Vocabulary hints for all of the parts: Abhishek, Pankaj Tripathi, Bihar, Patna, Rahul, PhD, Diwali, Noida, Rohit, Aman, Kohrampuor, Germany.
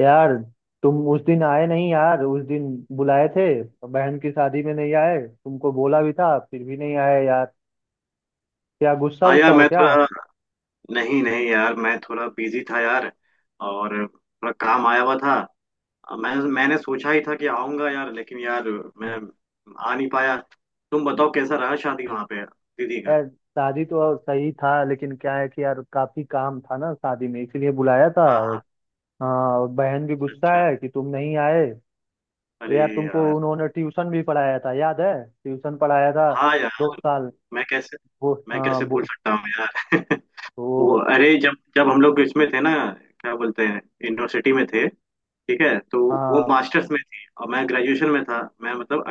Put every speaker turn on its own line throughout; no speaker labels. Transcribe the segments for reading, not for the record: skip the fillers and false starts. यार, तुम उस दिन आए नहीं यार, उस दिन बुलाए थे। बहन की शादी में नहीं आए, तुमको बोला भी था फिर भी नहीं आए यार। क्या गुस्सा
हाँ
उस्सा
यार।
हो
मैं
क्या?
थोड़ा नहीं नहीं, यार मैं थोड़ा बिजी था यार। और थोड़ा काम आया हुआ था। मैंने सोचा ही था कि आऊंगा यार, लेकिन यार मैं आ नहीं पाया। तुम बताओ कैसा रहा शादी वहाँ पे दीदी का।
यार, शादी तो सही था लेकिन क्या है कि यार काफी काम था ना शादी में, इसीलिए बुलाया था।
हाँ,
और
हाँ।
हाँ, और बहन भी
अच्छा,
गुस्सा
अच्छा।
है कि तुम नहीं आए। तो
अरे
यार, तुमको
यार।
उन्होंने ट्यूशन भी पढ़ाया था याद है? ट्यूशन पढ़ाया था
हाँ यार।
2 साल।
मैं कैसे
वो
मैं
हाँ
कैसे भूल
वो।
सकता हूँ यार।
वो।
वो, अरे, जब जब हम लोग इसमें थे ना, क्या बोलते हैं, यूनिवर्सिटी में थे। ठीक है तो वो
हाँ
मास्टर्स में थी और मैं ग्रेजुएशन में था, मैं मतलब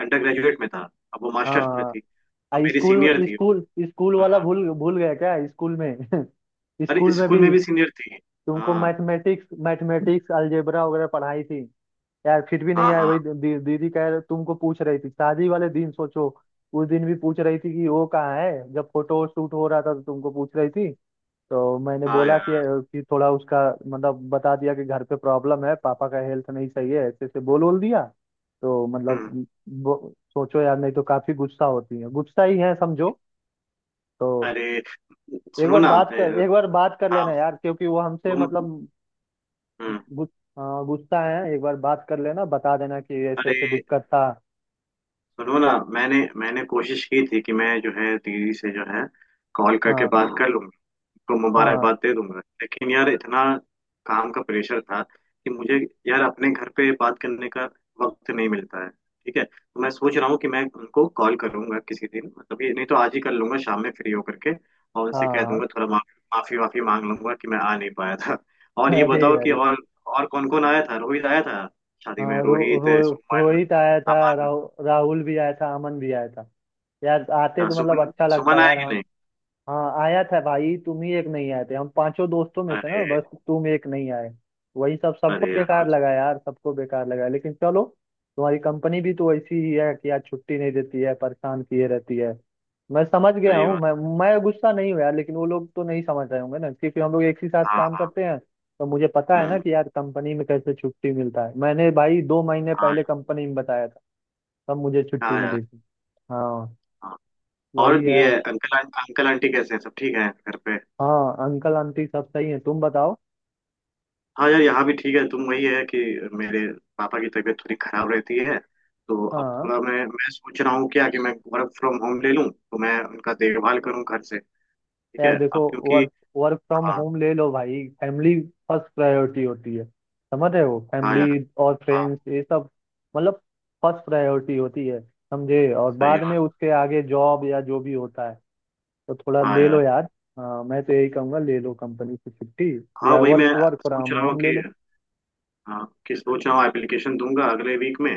अंडर ग्रेजुएट में था। अब वो मास्टर्स में
हाँ।
थी तो मेरी
स्कूल
सीनियर
में
थी।
स्कूल स्कूल वाला
हाँ।
भूल भूल गया क्या स्कूल में?
अरे,
स्कूल में
स्कूल में
भी।
भी सीनियर थी।
तुमको
हाँ।
मैथमेटिक्स मैथमेटिक्स अलजेब्रा वगैरह पढ़ाई थी। यार फिर भी नहीं
हाँ।
आए।
हाँ।
वही दीदी कह रहे, तुमको पूछ रही थी शादी वाले दिन, सोचो। उस दिन भी पूछ रही थी कि वो कहाँ है, जब फोटो शूट हो रहा था तो तुमको पूछ रही थी। तो मैंने
हाँ
बोला
यार।
कि थोड़ा उसका मतलब बता दिया कि घर पे प्रॉब्लम है, पापा का हेल्थ नहीं सही है, ऐसे ऐसे बोल बोल दिया। तो
हम्म।
मतलब सोचो यार, नहीं तो काफी गुस्सा होती है, गुस्सा ही है समझो। तो
अरे सुनो ना,
एक बार बात कर
हाँ।
लेना यार, क्योंकि वो हमसे
तुम।
मतलब
हम्म।
गु- गुस्सा है। एक बार बात कर लेना, बता देना कि ऐसे
अरे
ऐसे दिक्कत था।
सुनो ना, मैंने मैंने कोशिश की थी कि मैं जो है दीदी से जो है कॉल करके
हाँ
बात कर लूँ, तो
हाँ।
मुबारकबाद दे दूंगा, लेकिन यार इतना काम का प्रेशर था कि मुझे, यार, अपने घर पे बात करने का वक्त नहीं मिलता है। ठीक है तो मैं सोच रहा हूँ कि मैं उनको कॉल करूंगा किसी दिन, मतलब ये नहीं तो आज ही कर लूंगा शाम में फ्री होकर के। और
हाँ
उनसे कह दूंगा,
हाँ।
थोड़ा माफी माफी वाफी मांग लूंगा कि मैं आ नहीं पाया था। और ये
अरे
बताओ कि,
अरे।
और कौन कौन आया था, रोहित आया था शादी में,
हाँ रो,
रोहित,
रो,
सुमन।
रोहित आया था,
अमन।
राहुल भी आया था, अमन भी आया था। यार आते
अच्छा,
तो मतलब
सुमन
अच्छा लगता
सुमन आया
यार।
कि
हाँ
नहीं।
हाँ, आया था भाई, तुम ही एक नहीं आए थे। हम पांचों दोस्तों में से ना,
अरे।
बस तुम एक नहीं आए। वही सब, सबको
अरे यार।
बेकार लगा यार, सबको बेकार लगा, लेकिन चलो। तुम्हारी कंपनी भी तो ऐसी ही है कि यार छुट्टी नहीं देती है, परेशान किए रहती है। मैं समझ गया
सही
हूँ।
बात
मैं
है।
मैं गुस्सा नहीं हूँ यार, लेकिन वो लोग तो नहीं समझ रहे होंगे ना, क्योंकि हम लोग एक ही साथ
हाँ,
काम
हाँ।
करते हैं तो मुझे पता है ना
हम्म।
कि यार कंपनी में कैसे छुट्टी मिलता है। मैंने भाई 2 महीने
हाँ,
पहले कंपनी में बताया था तब मुझे छुट्टी
हाँ यार।
मिली थी। हाँ,
और
वही है।
ये अंकल अंकल आंटी कैसे हैं, सब ठीक है घर पे।
हाँ अंकल आंटी सब सही है, तुम बताओ।
हाँ यार, यहाँ भी ठीक है। तुम वही है कि मेरे पापा की तबीयत थोड़ी खराब रहती है, तो अब
हाँ
थोड़ा मैं सोच रहा हूँ क्या, कि मैं वर्क फ्रॉम होम ले लूँ तो मैं उनका देखभाल करूँ घर से। ठीक
यार
है,
देखो,
अब क्योंकि,
वर्क वर्क फ्रॉम
हाँ।
होम ले लो भाई। फैमिली फर्स्ट प्रायोरिटी होती है, समझ रहे हो?
हाँ
फैमिली
यार।
और
हाँ।
फ्रेंड्स, ये सब मतलब फर्स्ट प्रायोरिटी होती है समझे, और
सही
बाद में
बात।
उसके आगे जॉब या जो भी होता है। तो थोड़ा
हाँ
ले लो
यार।
यार। हाँ, मैं तो यही कहूँगा, ले लो कंपनी से छुट्टी,
हाँ,
या
वही
वर्क
मैं
वर्क
सोच
फ्रॉम
रहा हूँ
होम ले
कि,
लो।
हाँ, कि सोच रहा हूँ, एप्लीकेशन दूंगा अगले वीक में,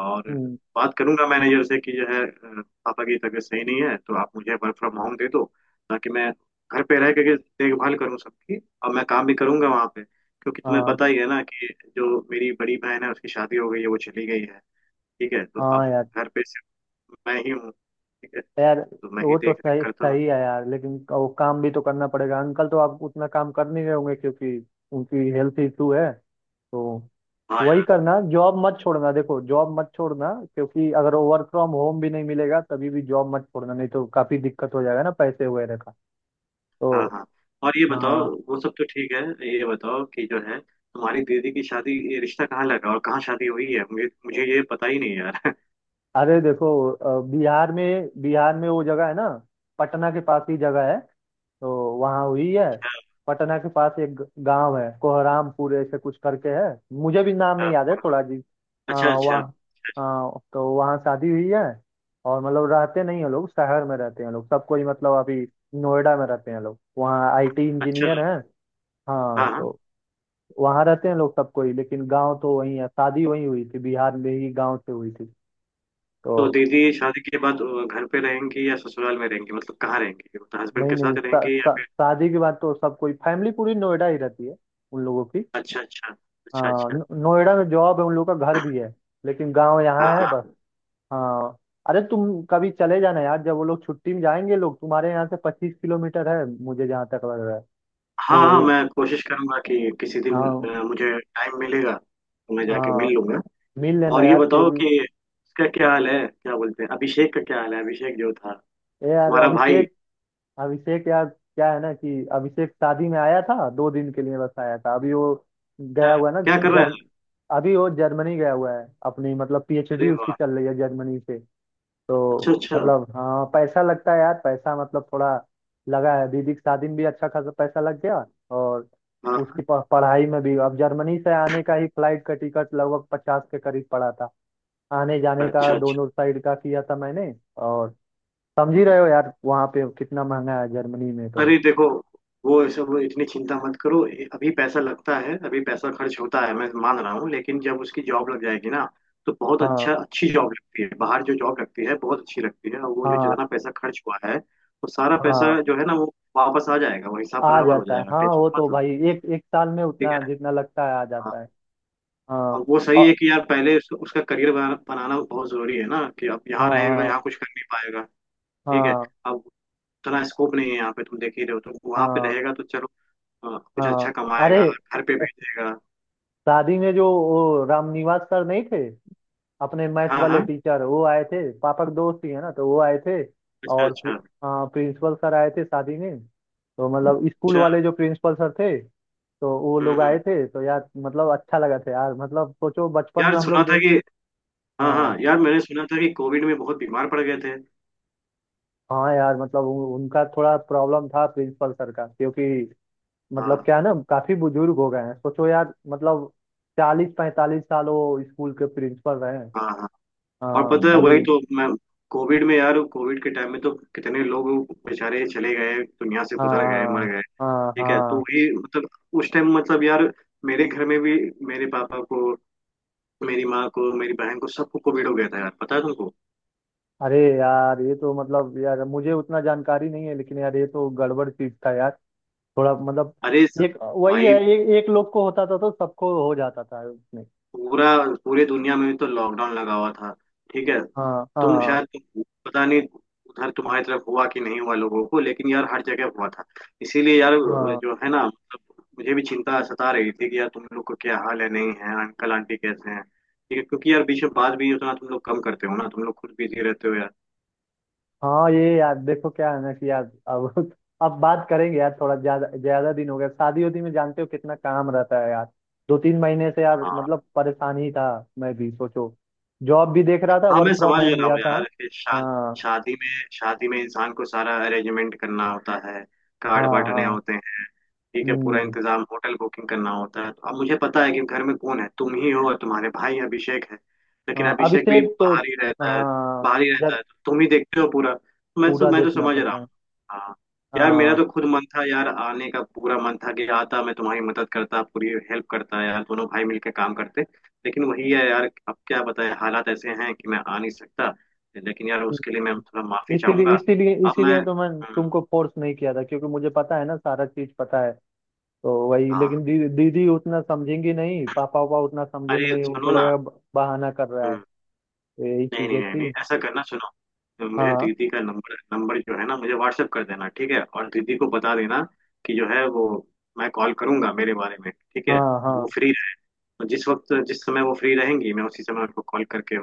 और
हम्म।
बात करूंगा मैनेजर से कि जो है, पापा की तबीयत सही नहीं है तो आप मुझे वर्क फ्रॉम होम दे दो, ताकि मैं घर पे रह करके देखभाल करूँ सबकी। और मैं काम भी करूंगा वहाँ पे, क्योंकि तुम्हें
हाँ
पता ही है ना कि जो मेरी बड़ी बहन है उसकी शादी हो गई है, वो चली गई है। ठीक है, तो अब
हाँ यार।
घर पे सिर्फ मैं ही हूँ। ठीक है
यार
तो मैं ही
वो तो
देख रेख
सही
करता हूँ।
सही है यार, लेकिन वो काम भी तो करना पड़ेगा। अंकल तो आप उतना काम कर नहीं रहे होंगे क्योंकि उनकी हेल्थ इशू है। तो
हाँ
वही
यार।
करना, जॉब मत छोड़ना, देखो जॉब मत छोड़ना, क्योंकि अगर वर्क फ्रॉम होम भी नहीं मिलेगा तभी भी जॉब मत छोड़ना, नहीं तो काफी दिक्कत हो जाएगा ना पैसे वगैरह का।
हाँ,
तो
हाँ। और ये बताओ,
हाँ।
वो सब तो ठीक है। ये बताओ कि जो है, तुम्हारी दीदी की शादी, ये रिश्ता कहाँ लगा और कहाँ शादी हुई है, मुझे मुझे ये पता ही नहीं यार।
अरे देखो बिहार में, बिहार में वो जगह है ना, पटना के पास ही जगह है। तो वहाँ हुई है। पटना के पास एक गांव है कोहरामपुर ऐसे कुछ करके है। मुझे भी नाम नहीं
अच्छा,
याद है थोड़ा जी। हाँ
अच्छा।
वहाँ।
अच्छा,
हाँ तो वहाँ शादी हुई है। और मतलब रहते नहीं हैं लोग, शहर में रहते हैं लोग सब कोई, मतलब अभी नोएडा में रहते हैं लोग, वहाँ आईटी
अच्छा।
इंजीनियर हैं। हाँ
हाँ, हाँ।
तो वहाँ रहते हैं लोग सब कोई, लेकिन गांव तो वही है, शादी वही हुई थी, बिहार में ही गांव से हुई थी।
तो
तो
दीदी शादी के बाद घर पे रहेंगी या ससुराल में रहेंगी, मतलब कहाँ रहेंगी, मतलब हस्बैंड
नहीं
के
नहीं,
साथ
शा-
रहेंगी या
शा-
फिर?
शादी के बाद तो सब कोई फैमिली पूरी नोएडा ही रहती है उन लोगों की।
अच्छा, अच्छा। अच्छा,
हाँ
अच्छा।
नोएडा में जॉब है उन लोगों का, घर भी है, लेकिन गांव यहाँ
हाँ,
है
हाँ।
बस। हाँ। अरे तुम कभी चले जाना यार जब वो लोग छुट्टी में जाएंगे लोग, तुम्हारे यहाँ से 25 किलोमीटर है मुझे जहाँ तक लग रहा है।
हाँ,
तो
हाँ,
ये
मैं कोशिश करूंगा कि किसी दिन
हाँ,
मुझे टाइम मिलेगा तो मैं जाके
हाँ
मिल लूंगा।
मिल लेना
और ये
यार
बताओ
केवी।
कि उसका क्या हाल है, क्या बोलते हैं, अभिषेक का क्या हाल है, अभिषेक जो था,
ए यार
तुम्हारा भाई।
अभिषेक। अभिषेक यार, क्या है ना कि अभिषेक शादी में आया था 2 दिन के लिए, बस आया था, अभी वो
अच्छा।
गया हुआ है ना।
क्या कर रहा
जर्म
है?
अभी वो जर्मनी गया हुआ है, अपनी मतलब पीएचडी
अरे
उसकी
वाह।
चल रही है जर्मनी से।
अच्छा,
तो
अच्छा।
मतलब हाँ, पैसा लगता है यार, पैसा मतलब थोड़ा लगा है। दीदी की शादी में भी अच्छा खासा पैसा लग गया, और
हाँ,
उसकी पढ़ाई में भी। अब जर्मनी से आने का ही फ्लाइट का टिकट लगभग 50 के करीब पड़ा था, आने
हाँ,
जाने का
अच्छा, अच्छा।
दोनों साइड का किया था मैंने। और समझ ही
हम्म।
रहे हो यार वहाँ पे कितना महंगा है जर्मनी में तो।
अरे देखो, वो सब इतनी चिंता मत करो। अभी पैसा लगता है, अभी पैसा खर्च होता है, मैं मान रहा हूँ, लेकिन जब उसकी जॉब लग जाएगी ना, तो बहुत
हाँ
अच्छा, अच्छी जॉब लगती है बाहर, जो जॉब लगती है बहुत अच्छी लगती है। और वो जो जितना
हाँ
पैसा खर्च हुआ है, वो सारा
हाँ।
पैसा जो है ना, वो वापस आ जाएगा, वो हिसाब
आ
बराबर हो
जाता है,
जाएगा,
हाँ वो
टेंशन
तो
मत लो।
भाई एक एक साल में
ठीक
उतना
है।
जितना लगता है आ
हाँ।
जाता है। हाँ।
अब वो सही
और
है कि यार, पहले उसका करियर बनाना बहुत जरूरी है ना, कि अब
हाँ
यहाँ रहेगा
हाँ।
यहाँ कुछ कर नहीं पाएगा। ठीक है,
हाँ
अब उतना स्कोप नहीं है यहाँ पे, तुम देख ही रहे हो। तो वहां पे
हाँ
रहेगा तो चलो, हाँ, कुछ
हाँ।
अच्छा
अरे,
कमाएगा, घर पे भेजेगा।
शादी में जो वो रामनिवास सर नहीं थे, अपने मैथ
हाँ,
वाले
हाँ।
टीचर, वो आए थे, पापा के दोस्त ही है ना, तो वो आए थे।
अच्छा,
और
अच्छा।
हाँ, प्रिंसिपल सर आए थे शादी में। तो मतलब स्कूल
अच्छा।
वाले जो प्रिंसिपल सर थे, तो वो
हम्म,
लोग
हम्म।
आए थे। तो यार मतलब अच्छा लगा था यार, मतलब सोचो बचपन
यार
में हम
सुना
लोग
था
दे।
कि, हाँ,
हाँ
हाँ यार, मैंने सुना था कि कोविड में बहुत बीमार पड़ गए थे।
हाँ यार, मतलब उनका थोड़ा प्रॉब्लम था प्रिंसिपल सर का, क्योंकि मतलब
हाँ,
क्या है ना, काफी बुजुर्ग हो गए हैं, सोचो यार मतलब 40-45 साल वो स्कूल के प्रिंसिपल रहे हैं।
हाँ। हाँ। और
हाँ
पता है वही,
अभी।
तो मैं, कोविड में यार, कोविड के टाइम में तो कितने लोग बेचारे चले गए दुनिया से,
हाँ
गुजर गए, मर गए।
हाँ। हाँ
ठीक है तो
हाँ।
वही, मतलब उस टाइम, मतलब यार, मेरे घर में भी, मेरे पापा को, मेरी माँ को, मेरी बहन को, सबको कोविड हो गया था यार, पता है तुमको।
अरे यार, ये तो मतलब यार मुझे उतना जानकारी नहीं है, लेकिन यार ये तो गड़बड़ चीज था यार, थोड़ा मतलब
अरे स-
एक वही है,
भाई,
एक एक लोग को होता था तो सबको हो जाता था उसमें।
पूरा, पूरे दुनिया में तो लॉकडाउन लगा हुआ था। ठीक है।
हाँ
तुम
हाँ।
शायद, पता नहीं उधर तुम्हारी तरफ हुआ कि नहीं हुआ लोगों को, लेकिन यार हर जगह हुआ था। इसीलिए यार
हाँ
जो है ना, मतलब मुझे भी चिंता सता रही थी कि यार तुम लोग को क्या हाल है, नहीं है, अंकल आंटी कैसे हैं, ठीक है, क्योंकि यार बीच में बात भी उतना तुम लोग कम करते हो ना, तुम लोग खुद बिजी रहते हो यार।
हाँ ये यार देखो, क्या है ना कि यार अब बात करेंगे यार। थोड़ा ज्यादा ज्यादा दिन हो गया, शादी उदी में जानते हो कितना काम रहता है यार, 2-3 महीने से यार
हाँ,
मतलब परेशान ही था। मैं भी सोचो, जॉब भी देख रहा था,
हाँ।
वर्क
मैं
फ्रॉम
समझ
होम
रहा
लिया
हूँ
था।
यार कि
हाँ
शादी में, शादी में इंसान को सारा अरेंजमेंट करना होता है, कार्ड
हाँ
बांटने
हाँ।
होते हैं। ठीक है, पूरा
हम्म।
इंतजाम, होटल बुकिंग करना होता है। तो अब मुझे पता है कि घर में कौन है, तुम ही हो और तुम्हारे भाई अभिषेक है, लेकिन
हाँ,
अभिषेक भी
अभिषेक तो
बाहर ही रहता है।
हाँ
बाहर ही रहता
यार
है तो तुम ही देखते हो पूरा, तो
पूरा
मैं तो
देखना
समझ रहा
पड़ता है।
हूँ। हाँ यार, मेरा
हाँ।
तो खुद मन था यार आने का, पूरा मन था कि आता, मैं तुम्हारी मदद करता, पूरी हेल्प करता यार, दोनों भाई मिलकर काम करते। लेकिन वही है यार, अब क्या बताएं, हालात ऐसे हैं कि मैं आ नहीं सकता। लेकिन यार उसके
हम्म,
लिए मैं थोड़ा माफी
इसीलिए
चाहूंगा।
इसीलिए
अब मैं,
इसीलिए तो मैं तुमको फोर्स नहीं किया था, क्योंकि मुझे पता है ना, सारा चीज पता है। तो वही,
हाँ।
लेकिन दीदी उतना समझेंगी नहीं, पापा वापा उतना समझेंगे
अरे
नहीं, उनको
सुनो ना।
लगेगा बहाना कर रहा है।
हम्म।
तो यही
नहीं नहीं
चीजें
नहीं नहीं,
थी।
ऐसा करना, सुनो, मुझे
हाँ
दीदी का नंबर, जो है ना, मुझे व्हाट्सएप कर देना, ठीक है, और दीदी को बता देना कि जो है, वो मैं कॉल करूंगा, मेरे बारे में, ठीक है।
हाँ हाँ।
वो फ्री, जिस वक्त, जिस समय वो फ्री रहेंगी, मैं उसी समय उनको कॉल करके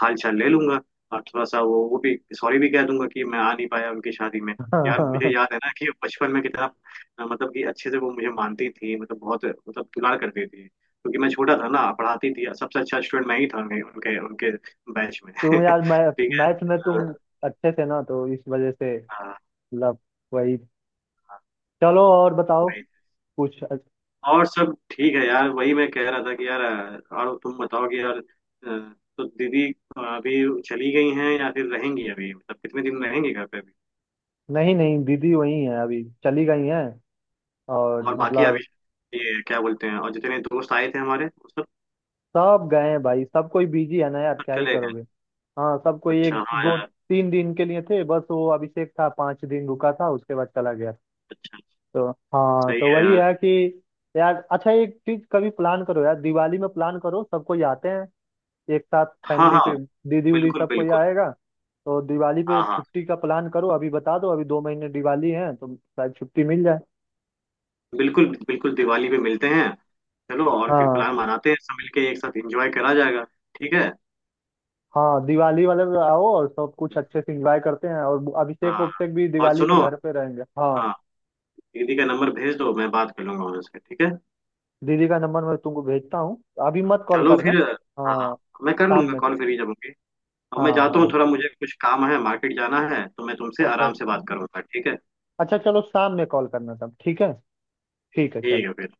हाल चाल ले लूंगा। और थोड़ा सा वो भी सॉरी भी कह दूंगा कि मैं आ नहीं पाया उनकी शादी में।
हाँ
यार मुझे
हाँ।
याद है ना कि बचपन में कितना, मतलब कि अच्छे से वो मुझे मानती थी, मतलब बहुत, मतलब दुलार करती थी, क्योंकि मैं छोटा था ना, पढ़ाती थी, सबसे अच्छा स्टूडेंट मैं ही था उनके, उनके उनके बैच में।
तुम यार
ठीक
मैथ में
है,
तुम अच्छे थे ना तो इस वजह से
अ,
मतलब, वही।
अ,
चलो और बताओ
वही।
कुछ?
और सब ठीक है यार, वही मैं कह रहा था कि यार, और तुम बताओ कि यार, तो दीदी अभी चली गई हैं या फिर रहेंगी अभी, मतलब कितने दिन रहेंगी घर पे अभी।
नहीं नहीं, दीदी वही है, अभी चली गई हैं, और
और बाकी
मतलब
अभी, ये क्या बोलते हैं, और जितने दोस्त आए थे हमारे, वो सब
सब गए हैं भाई, सब कोई बिजी है ना यार,
सब
क्या ही
चले गए।
करोगे। हाँ सब कोई
अच्छा,
एक
हाँ
दो
यार।
तीन दिन के लिए थे, बस वो अभिषेक था 5 दिन रुका था, उसके बाद चला गया।
अच्छा।
तो हाँ,
सही
तो
है
वही
यार।
है कि यार अच्छा, एक चीज कभी प्लान करो यार, दिवाली में प्लान करो, सब कोई आते हैं एक साथ
हाँ,
फैमिली
हाँ,
पे। दीदी उदी
बिल्कुल
सब कोई
बिल्कुल।
आएगा। तो दिवाली पे
हाँ, हाँ,
छुट्टी का प्लान करो, अभी बता दो, अभी 2 महीने दिवाली है तो शायद छुट्टी मिल जाए।
बिल्कुल बिल्कुल, दिवाली पे मिलते हैं, चलो, और फिर
हाँ
प्लान बनाते हैं, सब मिलके एक साथ एंजॉय करा जाएगा। ठीक है।
हाँ, दिवाली वाले पे आओ और सब कुछ अच्छे से एंजॉय करते हैं, और अभिषेक
हाँ।
उभिषेक भी
और
दिवाली पे
सुनो,
घर पे रहेंगे, हाँ।
हाँ, दीदी का नंबर भेज दो, मैं बात कर लूंगा उनसे, ठीक है।
दीदी का नंबर मैं तुमको भेजता हूँ, अभी मत कॉल
चलो
करना।
फिर। हाँ,
हाँ
मैं कर
शाम
लूंगा
में
कॉल, फ्री जब होंगे। अब मैं
हाँ
जाता
हाँ
हूँ, थोड़ा मुझे कुछ काम है, मार्केट जाना है, तो मैं तुमसे
अच्छा।
आराम से बात करूंगा, ठीक है।
अच्छा चलो शाम में कॉल करना तब, ठीक है? ठीक है
ठीक
चलो।
है फिर।